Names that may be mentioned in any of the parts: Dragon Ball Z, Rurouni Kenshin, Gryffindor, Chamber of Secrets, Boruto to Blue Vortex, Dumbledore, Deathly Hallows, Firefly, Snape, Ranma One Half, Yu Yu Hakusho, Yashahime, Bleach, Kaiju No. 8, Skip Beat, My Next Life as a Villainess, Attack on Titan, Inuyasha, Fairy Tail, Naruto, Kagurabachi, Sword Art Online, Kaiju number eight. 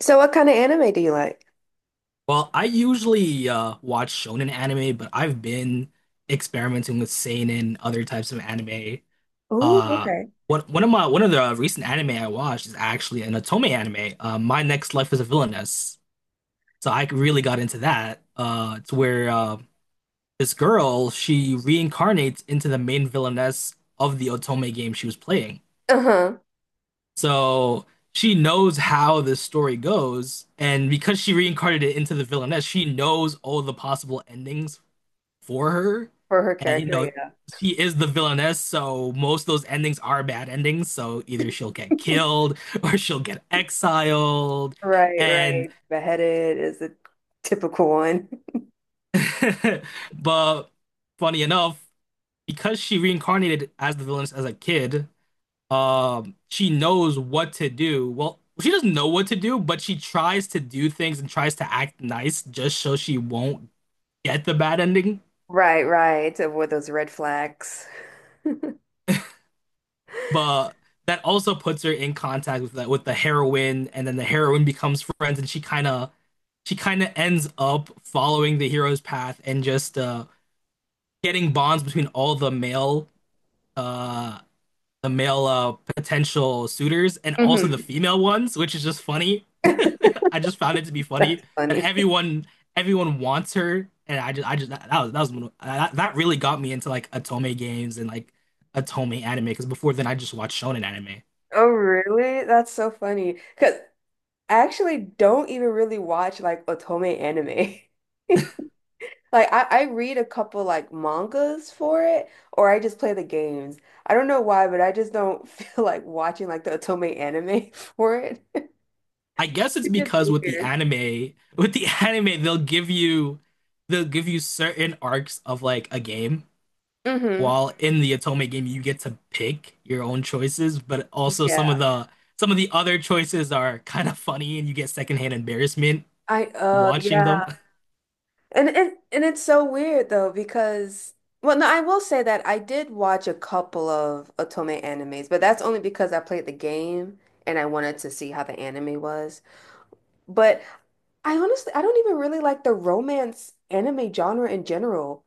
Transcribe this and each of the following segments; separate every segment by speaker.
Speaker 1: So what kind of anime do you like?
Speaker 2: Well, I usually watch shonen anime, but I've been experimenting with seinen, other types of anime.
Speaker 1: Oh,
Speaker 2: Uh,
Speaker 1: okay.
Speaker 2: one of the recent anime I watched is actually an otome anime. My Next Life as a Villainess. So I really got into that. It's where this girl she reincarnates into the main villainess of the otome game she was playing.
Speaker 1: Uh-huh.
Speaker 2: So she knows how this story goes, and because she reincarnated it into the villainess, she knows all the possible endings for her.
Speaker 1: For her
Speaker 2: And you know,
Speaker 1: character,
Speaker 2: she is the villainess, so most of those endings are bad endings. So
Speaker 1: yeah.
Speaker 2: either she'll get killed or she'll get exiled.
Speaker 1: Right,
Speaker 2: And
Speaker 1: right. Beheaded is a typical one.
Speaker 2: but funny enough, because she reincarnated as the villainess as a kid, she knows what to do. Well, she doesn't know what to do, but she tries to do things and tries to act nice just so she won't get the bad ending.
Speaker 1: Right, right. To avoid those red flags.
Speaker 2: But that also puts her in contact with the heroine, and then the heroine becomes friends, and she kind of ends up following the hero's path and just getting bonds between all the uh male potential suitors and also the
Speaker 1: Hmm.
Speaker 2: female ones, which is just funny. I just found it to be funny
Speaker 1: That's
Speaker 2: that
Speaker 1: funny.
Speaker 2: everyone wants her, and I just that was one of- that, that really got me into like Otome games and like Otome anime because before then I just watched shonen anime.
Speaker 1: Oh, really? That's so funny. Because I actually don't even really watch like otome anime. Like I read a couple like mangas for it, or I just play the games. I don't know why, but I just don't feel like watching like the otome anime for it.
Speaker 2: I guess it's
Speaker 1: Which is
Speaker 2: because with the
Speaker 1: weird.
Speaker 2: anime with the anime they'll give you certain arcs of like a game
Speaker 1: Hmm.
Speaker 2: while in the Atome game you get to pick your own choices, but also some of
Speaker 1: Yeah.
Speaker 2: the some of the other choices are kind of funny and you get secondhand embarrassment
Speaker 1: I
Speaker 2: watching
Speaker 1: yeah.
Speaker 2: them.
Speaker 1: And it's so weird though because well no, I will say that I did watch a couple of otome animes, but that's only because I played the game and I wanted to see how the anime was. But I honestly, I don't even really like the romance anime genre in general.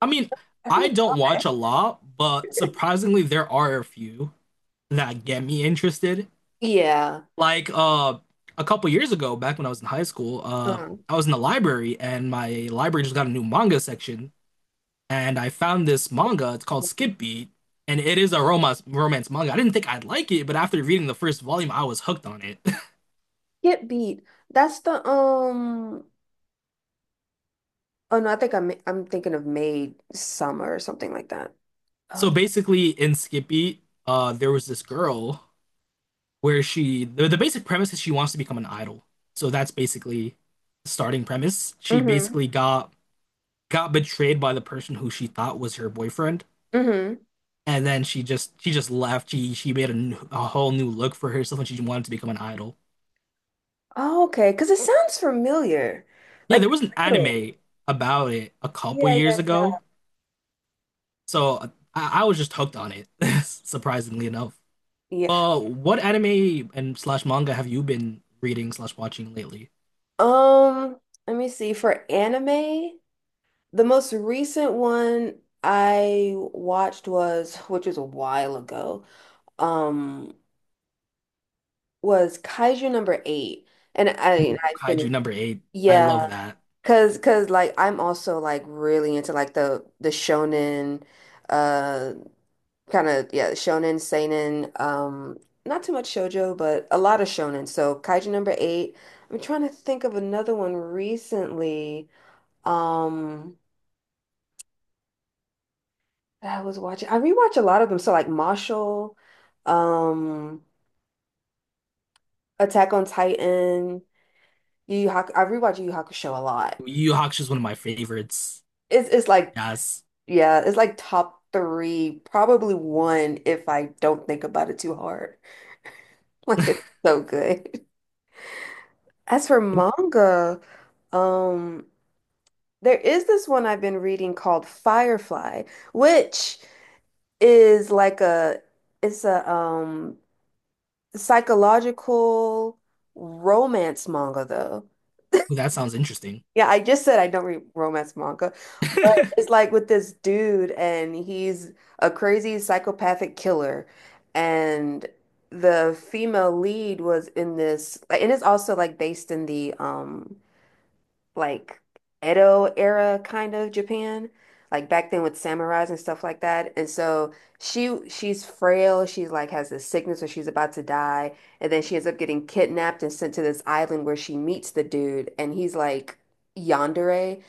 Speaker 2: I mean,
Speaker 1: I don't
Speaker 2: I
Speaker 1: know
Speaker 2: don't
Speaker 1: why.
Speaker 2: watch a lot, but surprisingly there are a few that get me interested.
Speaker 1: Yeah.
Speaker 2: Like a couple years ago, back when I was in high school,
Speaker 1: Um,
Speaker 2: I was in the library and my library just got a new manga section, and I found this manga. It's called Skip Beat, and it is a romance manga. I didn't think I'd like it, but after reading the first volume, I was hooked on it.
Speaker 1: Get beat. That's the oh no, I think I'm thinking of Made Summer or something like that. Oh,
Speaker 2: So
Speaker 1: no.
Speaker 2: basically, in Skip Beat, there was this girl where the basic premise is she wants to become an idol. So that's basically the starting premise. She
Speaker 1: Mm-hmm.
Speaker 2: basically got betrayed by the person who she thought was her boyfriend.
Speaker 1: Mm-hmm.
Speaker 2: And then she just left. She made a whole new look for herself, and she wanted to become an idol.
Speaker 1: Oh, okay. Because it sounds familiar.
Speaker 2: Yeah,
Speaker 1: Like
Speaker 2: there was an
Speaker 1: title.
Speaker 2: anime about it a couple
Speaker 1: Yeah,
Speaker 2: years ago,
Speaker 1: yeah,
Speaker 2: so I was just hooked on it, surprisingly enough.
Speaker 1: yeah. Yeah.
Speaker 2: What anime and slash manga have you been reading slash watching lately?
Speaker 1: Um, let me see. For anime, the most recent one I watched was, which was a while ago, Um, was Kaiju 8. And I
Speaker 2: Ooh,
Speaker 1: I
Speaker 2: Kaiju
Speaker 1: finished.
Speaker 2: number eight. I love
Speaker 1: Yeah.
Speaker 2: that.
Speaker 1: Cause like I'm also like really into like the shonen uh kind of yeah, shonen, seinen, not too much shoujo, but a lot of shonen. So Kaiju 8. I'm trying to think of another one recently. Um that I was watching. I rewatch a lot of them. So like Marshall, um Attack on Titan, Yu Yu Haku I rewatch Yu Yu Hakusho a lot.
Speaker 2: Yu Yu Hakusho is one of my favorites.
Speaker 1: It's like
Speaker 2: Yes.
Speaker 1: yeah, it's like top 3, probably one if I don't think about it too hard. Like it's so good. As for manga, um, there is this one I've been reading called Firefly, which is like a it's a psychological romance manga though.
Speaker 2: Ooh, that sounds interesting.
Speaker 1: Yeah, I just said I don't read romance manga, but it's like with this dude, and he's a crazy psychopathic killer, and the female lead was in this, and it's also like based in the like Edo era kind of Japan, like back then with samurais and stuff like that. And so she's frail. She's like has this sickness where she's about to die, and then she ends up getting kidnapped and sent to this island where she meets the dude, and he's like yandere.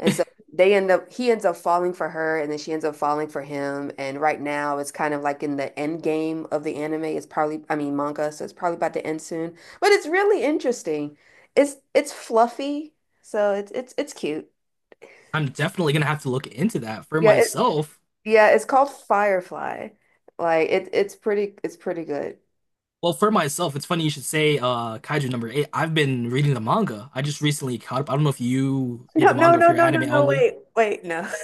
Speaker 1: And so they end up, he ends up falling for her, and then she ends up falling for him. And right now, it's kind of like in the end game of the anime. It's probably, I mean, manga, so it's probably about to end soon. But it's really interesting. It's fluffy, so it's cute.
Speaker 2: I'm definitely gonna have to look into that for
Speaker 1: Yeah, it,
Speaker 2: myself.
Speaker 1: yeah, it's called Firefly. Like it's pretty good.
Speaker 2: Well, for myself, it's funny you should say Kaiju number eight. I've been reading the manga. I just recently caught up. I don't know if you read
Speaker 1: No,
Speaker 2: the
Speaker 1: no,
Speaker 2: manga or if
Speaker 1: no,
Speaker 2: you're
Speaker 1: no, no,
Speaker 2: anime
Speaker 1: no.
Speaker 2: only.
Speaker 1: Wait, wait, no.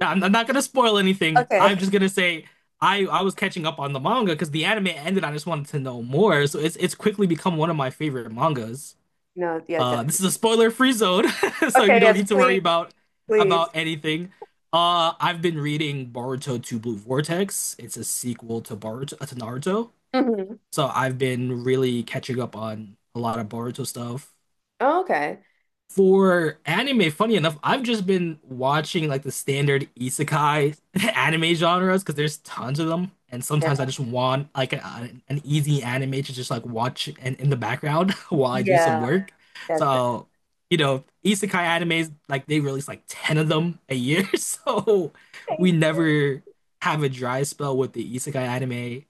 Speaker 2: I'm not gonna spoil anything. I'm just
Speaker 1: Okay,
Speaker 2: gonna say I was catching up on the manga because the anime ended. I just wanted to know more, so it's quickly become one of my favorite mangas.
Speaker 1: no, yeah,
Speaker 2: This is a
Speaker 1: definitely.
Speaker 2: spoiler-free zone, so
Speaker 1: Okay,
Speaker 2: you don't
Speaker 1: yes,
Speaker 2: need to worry
Speaker 1: please,
Speaker 2: about
Speaker 1: please.
Speaker 2: anything. I've been reading Boruto to Blue Vortex. It's a sequel to Boruto to Naruto,
Speaker 1: Hmm.
Speaker 2: so I've been really catching up on a lot of Boruto stuff.
Speaker 1: Okay.
Speaker 2: For anime, funny enough, I've just been watching like the standard isekai anime genres because there's tons of them, and
Speaker 1: There.
Speaker 2: sometimes I just want like an easy anime to just like watch and in the background while I do some
Speaker 1: Yeah,
Speaker 2: work.
Speaker 1: that's it.
Speaker 2: So, you know, isekai animes like they release like 10 of them a year, so
Speaker 1: Okay.
Speaker 2: we never have a dry spell with the isekai anime.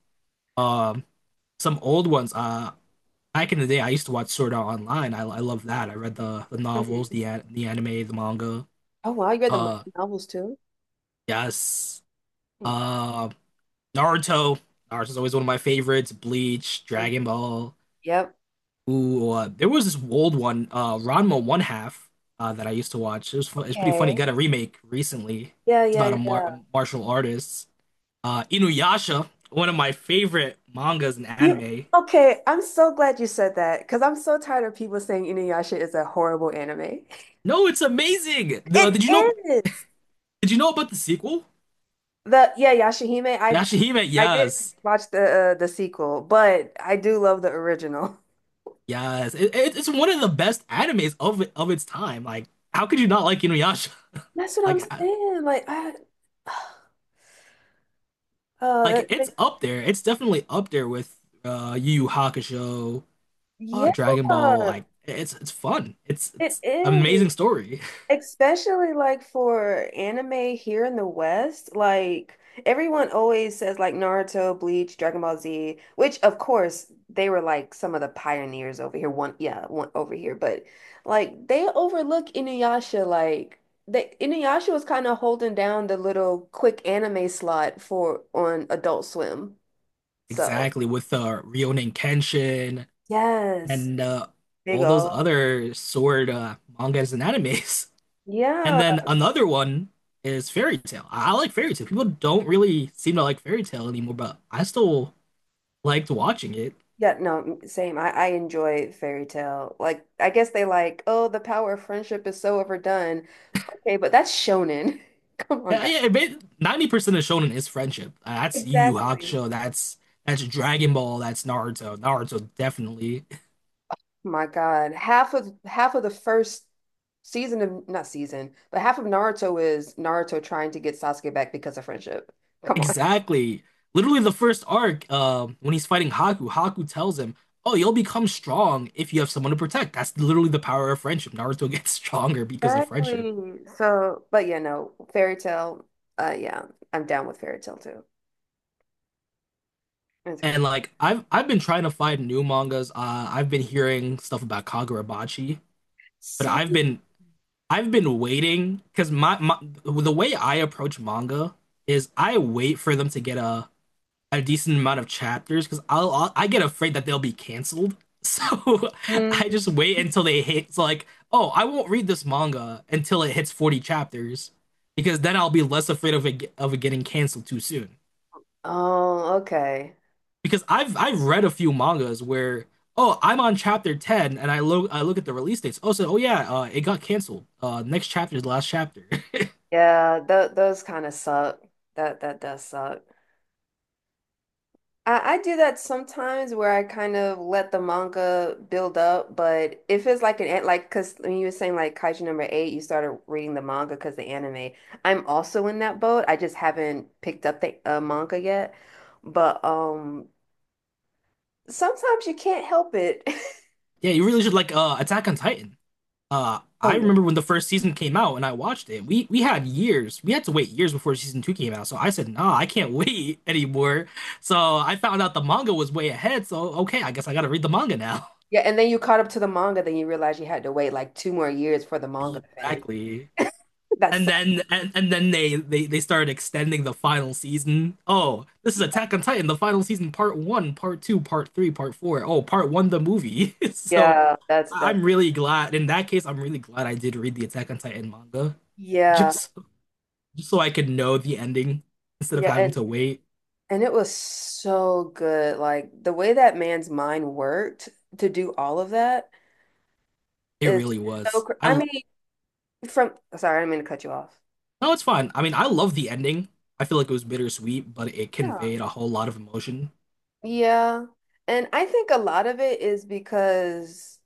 Speaker 2: Um, some old ones. Back in the day, I used to watch Sword Art Online. I love that. I read the novels,
Speaker 1: Hmm.
Speaker 2: the anime, the manga.
Speaker 1: Oh wow, you read the Marvel
Speaker 2: Uh,
Speaker 1: novels too?
Speaker 2: yes.
Speaker 1: Hmm.
Speaker 2: Uh, Naruto. Naruto's always one of my favorites. Bleach,
Speaker 1: Mhm.
Speaker 2: Dragon Ball.
Speaker 1: Yep.
Speaker 2: Ooh, there was this old one, Ranma One Half, that I used to watch. It was It's pretty funny.
Speaker 1: Okay.
Speaker 2: Got a remake recently.
Speaker 1: Yeah,
Speaker 2: It's
Speaker 1: yeah,
Speaker 2: about a
Speaker 1: yeah.
Speaker 2: martial artist. Inuyasha, one of my favorite mangas and
Speaker 1: You
Speaker 2: anime.
Speaker 1: okay? I'm so glad you said that because I'm so tired of people saying Inuyasha is a horrible anime.
Speaker 2: No, it's amazing. The,
Speaker 1: It
Speaker 2: did you know?
Speaker 1: is.
Speaker 2: Did you know about the sequel?
Speaker 1: The yeah, Yashahime. I
Speaker 2: Yashahime,
Speaker 1: I did
Speaker 2: yes.
Speaker 1: watch the sequel, but I do love the original.
Speaker 2: Yes. It's one of the best animes of its time. Like, how could you not like Inuyasha?
Speaker 1: That's what I'm
Speaker 2: Like, I-
Speaker 1: saying. Like I,
Speaker 2: like, it's
Speaker 1: it-
Speaker 2: up there. It's definitely up there with Yu Yu Hakusho,
Speaker 1: yeah,
Speaker 2: Dragon Ball. Like, it's fun. It's
Speaker 1: it
Speaker 2: it's
Speaker 1: is.
Speaker 2: amazing story.
Speaker 1: Especially like for anime here in the West, like everyone always says like Naruto, Bleach, Dragon Ball Z, which of course they were like some of the pioneers over here. One, yeah, one over here, but like they overlook Inuyasha. Like they Inuyasha was kind of holding down the little quick anime slot for on Adult Swim. So
Speaker 2: Exactly with Rurouni Kenshin
Speaker 1: yes,
Speaker 2: and
Speaker 1: big
Speaker 2: all those
Speaker 1: ol'
Speaker 2: other sword mangas and animes. And
Speaker 1: yeah.
Speaker 2: then another one is Fairy Tale. I like Fairy Tale. People don't really seem to like Fairy Tale anymore, but I still liked watching it.
Speaker 1: Yeah, no, same. I enjoy fairy tale. Like, I guess they like, oh, the power of friendship is so overdone. Okay, but that's shonen. Come on,
Speaker 2: Yeah,
Speaker 1: guys.
Speaker 2: yeah. It made, 90% of shonen is friendship. That's Yu Yu
Speaker 1: Exactly.
Speaker 2: Hakusho. That's Dragon Ball. That's Naruto. Naruto definitely.
Speaker 1: My God, half of the first season of not season, but half of Naruto is Naruto trying to get Sasuke back because of friendship. Come on.
Speaker 2: Exactly. Literally the first arc, when he's fighting Haku, Haku tells him, "Oh, you'll become strong if you have someone to protect." That's literally the power of friendship. Naruto gets stronger because of friendship.
Speaker 1: Exactly. So, but yeah, no, fairy tale. Yeah, I'm down with fairy tale too. That's
Speaker 2: And
Speaker 1: great.
Speaker 2: like I've been trying to find new mangas. I've been hearing stuff about Kagurabachi, but
Speaker 1: Same.
Speaker 2: I've been waiting because my the way I approach manga is I wait for them to get a decent amount of chapters because I get afraid that they'll be canceled. So I
Speaker 1: Mm.
Speaker 2: just wait until they hit. It's like, oh, I won't read this manga until it hits 40 chapters because then I'll be less afraid of it getting canceled too soon.
Speaker 1: Oh, okay.
Speaker 2: Because I've read a few mangas where oh I'm on chapter 10 and I look at the release dates. Oh so oh yeah, it got canceled. Next chapter is the last chapter.
Speaker 1: Yeah, th those kind of suck. That does suck. I do that sometimes where I kind of let the manga build up, but if it's like an- like because when you were saying like Kaiju 8, you started reading the manga because the anime. I'm also in that boat. I just haven't picked up the manga yet, but sometimes you can't help it.
Speaker 2: Yeah, you really should like Attack on Titan.
Speaker 1: Oh
Speaker 2: I
Speaker 1: yeah.
Speaker 2: remember when the first season came out and I watched it. We had years. We had to wait years before season two came out. So I said, nah, I can't wait anymore. So I found out the manga was way ahead. So okay, I guess I gotta read the manga now.
Speaker 1: Yeah, and then you caught up to the manga, then you realize you had to wait like 2 more years for the manga to finish.
Speaker 2: Exactly.
Speaker 1: That
Speaker 2: And
Speaker 1: sucks.
Speaker 2: then and, and then they, they they started extending the final season. Oh, this is Attack on Titan, the final season, part one, part two, part three, part four. Oh, part one, the movie. So
Speaker 1: Yeah, that's
Speaker 2: am really glad. In that case, I'm really glad I did read the Attack on Titan manga,
Speaker 1: Yeah,
Speaker 2: just just so I could know the ending instead of
Speaker 1: Yeah,
Speaker 2: having to wait.
Speaker 1: and it was so good. Like the way that man's mind worked to do all of that,
Speaker 2: It
Speaker 1: it's
Speaker 2: really
Speaker 1: so
Speaker 2: was.
Speaker 1: cr I mean, from sorry, I didn't mean to cut you off.
Speaker 2: No, it's fine. I mean, I love the ending. I feel like it was bittersweet, but it
Speaker 1: Yeah.
Speaker 2: conveyed a whole lot of emotion.
Speaker 1: Yeah. And I think a lot of it is because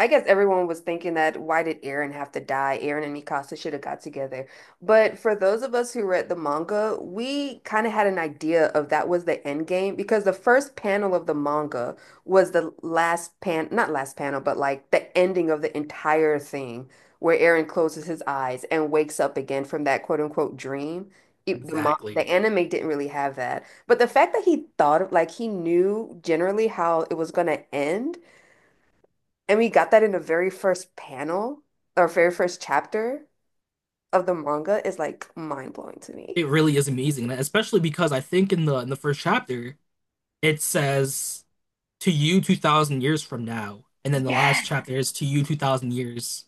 Speaker 1: I guess everyone was thinking that why did Eren have to die? Eren and Mikasa should have got together. But for those of us who read the manga, we kind of had an idea of that was the end game because the first panel of the manga was the last pan, not last panel, but like the ending of the entire thing where Eren closes his eyes and wakes up again from that quote unquote dream. It, the, mon- the
Speaker 2: Exactly.
Speaker 1: anime didn't really have that. But the fact that he thought of, like, he knew generally how it was going to end and we got that in the very first panel or very first chapter of the manga is like mind blowing to me.
Speaker 2: It really is amazing, and especially because I think in the first chapter it says to you 2000 years from now, and then the last
Speaker 1: Yes,
Speaker 2: chapter is to you 2000 years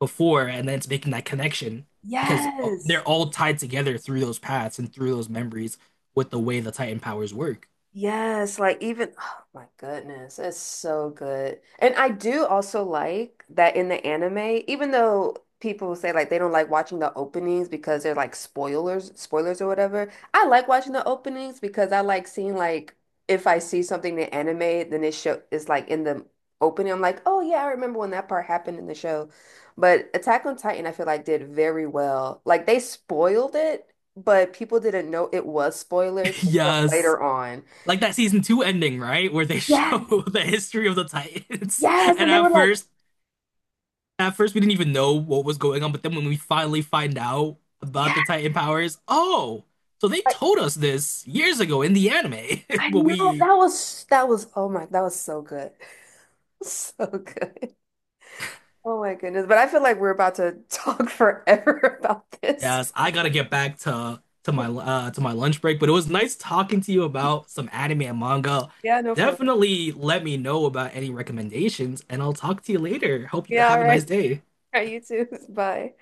Speaker 2: before, and then it's making that connection because they're
Speaker 1: yes.
Speaker 2: all tied together through those paths and through those memories with the way the Titan powers work.
Speaker 1: Yes, like even oh my goodness, it's so good. And I do also like that in the anime, even though people say like they don't like watching the openings because they're like spoilers, spoilers or whatever. I like watching the openings because I like seeing like if I see something in anime, then it show is like in the opening. I'm like, oh yeah, I remember when that part happened in the show. But Attack on Titan, I feel like did very well. Like they spoiled it, but people didn't know it was spoilers until
Speaker 2: Yes.
Speaker 1: later on.
Speaker 2: Like that season two ending, right? Where they
Speaker 1: Yes.
Speaker 2: show the history of the Titans.
Speaker 1: Yes.
Speaker 2: And
Speaker 1: And they were like,
Speaker 2: at first we didn't even know what was going on, but then when we finally find out about
Speaker 1: yeah,
Speaker 2: the Titan powers, oh, so they
Speaker 1: like,
Speaker 2: told us this years ago in the anime.
Speaker 1: I
Speaker 2: But
Speaker 1: know
Speaker 2: we,
Speaker 1: that was oh my that was so good. So good. Oh my goodness. But I feel like we're about to talk forever about this.
Speaker 2: yes, I gotta get back to my to my lunch break, but it was nice talking to you about some anime and manga.
Speaker 1: Yeah, no, for real.
Speaker 2: Definitely let me know about any recommendations, and I'll talk to you later. Hope you
Speaker 1: Yeah, all
Speaker 2: have a
Speaker 1: right.
Speaker 2: nice day.
Speaker 1: All right, you too. Bye.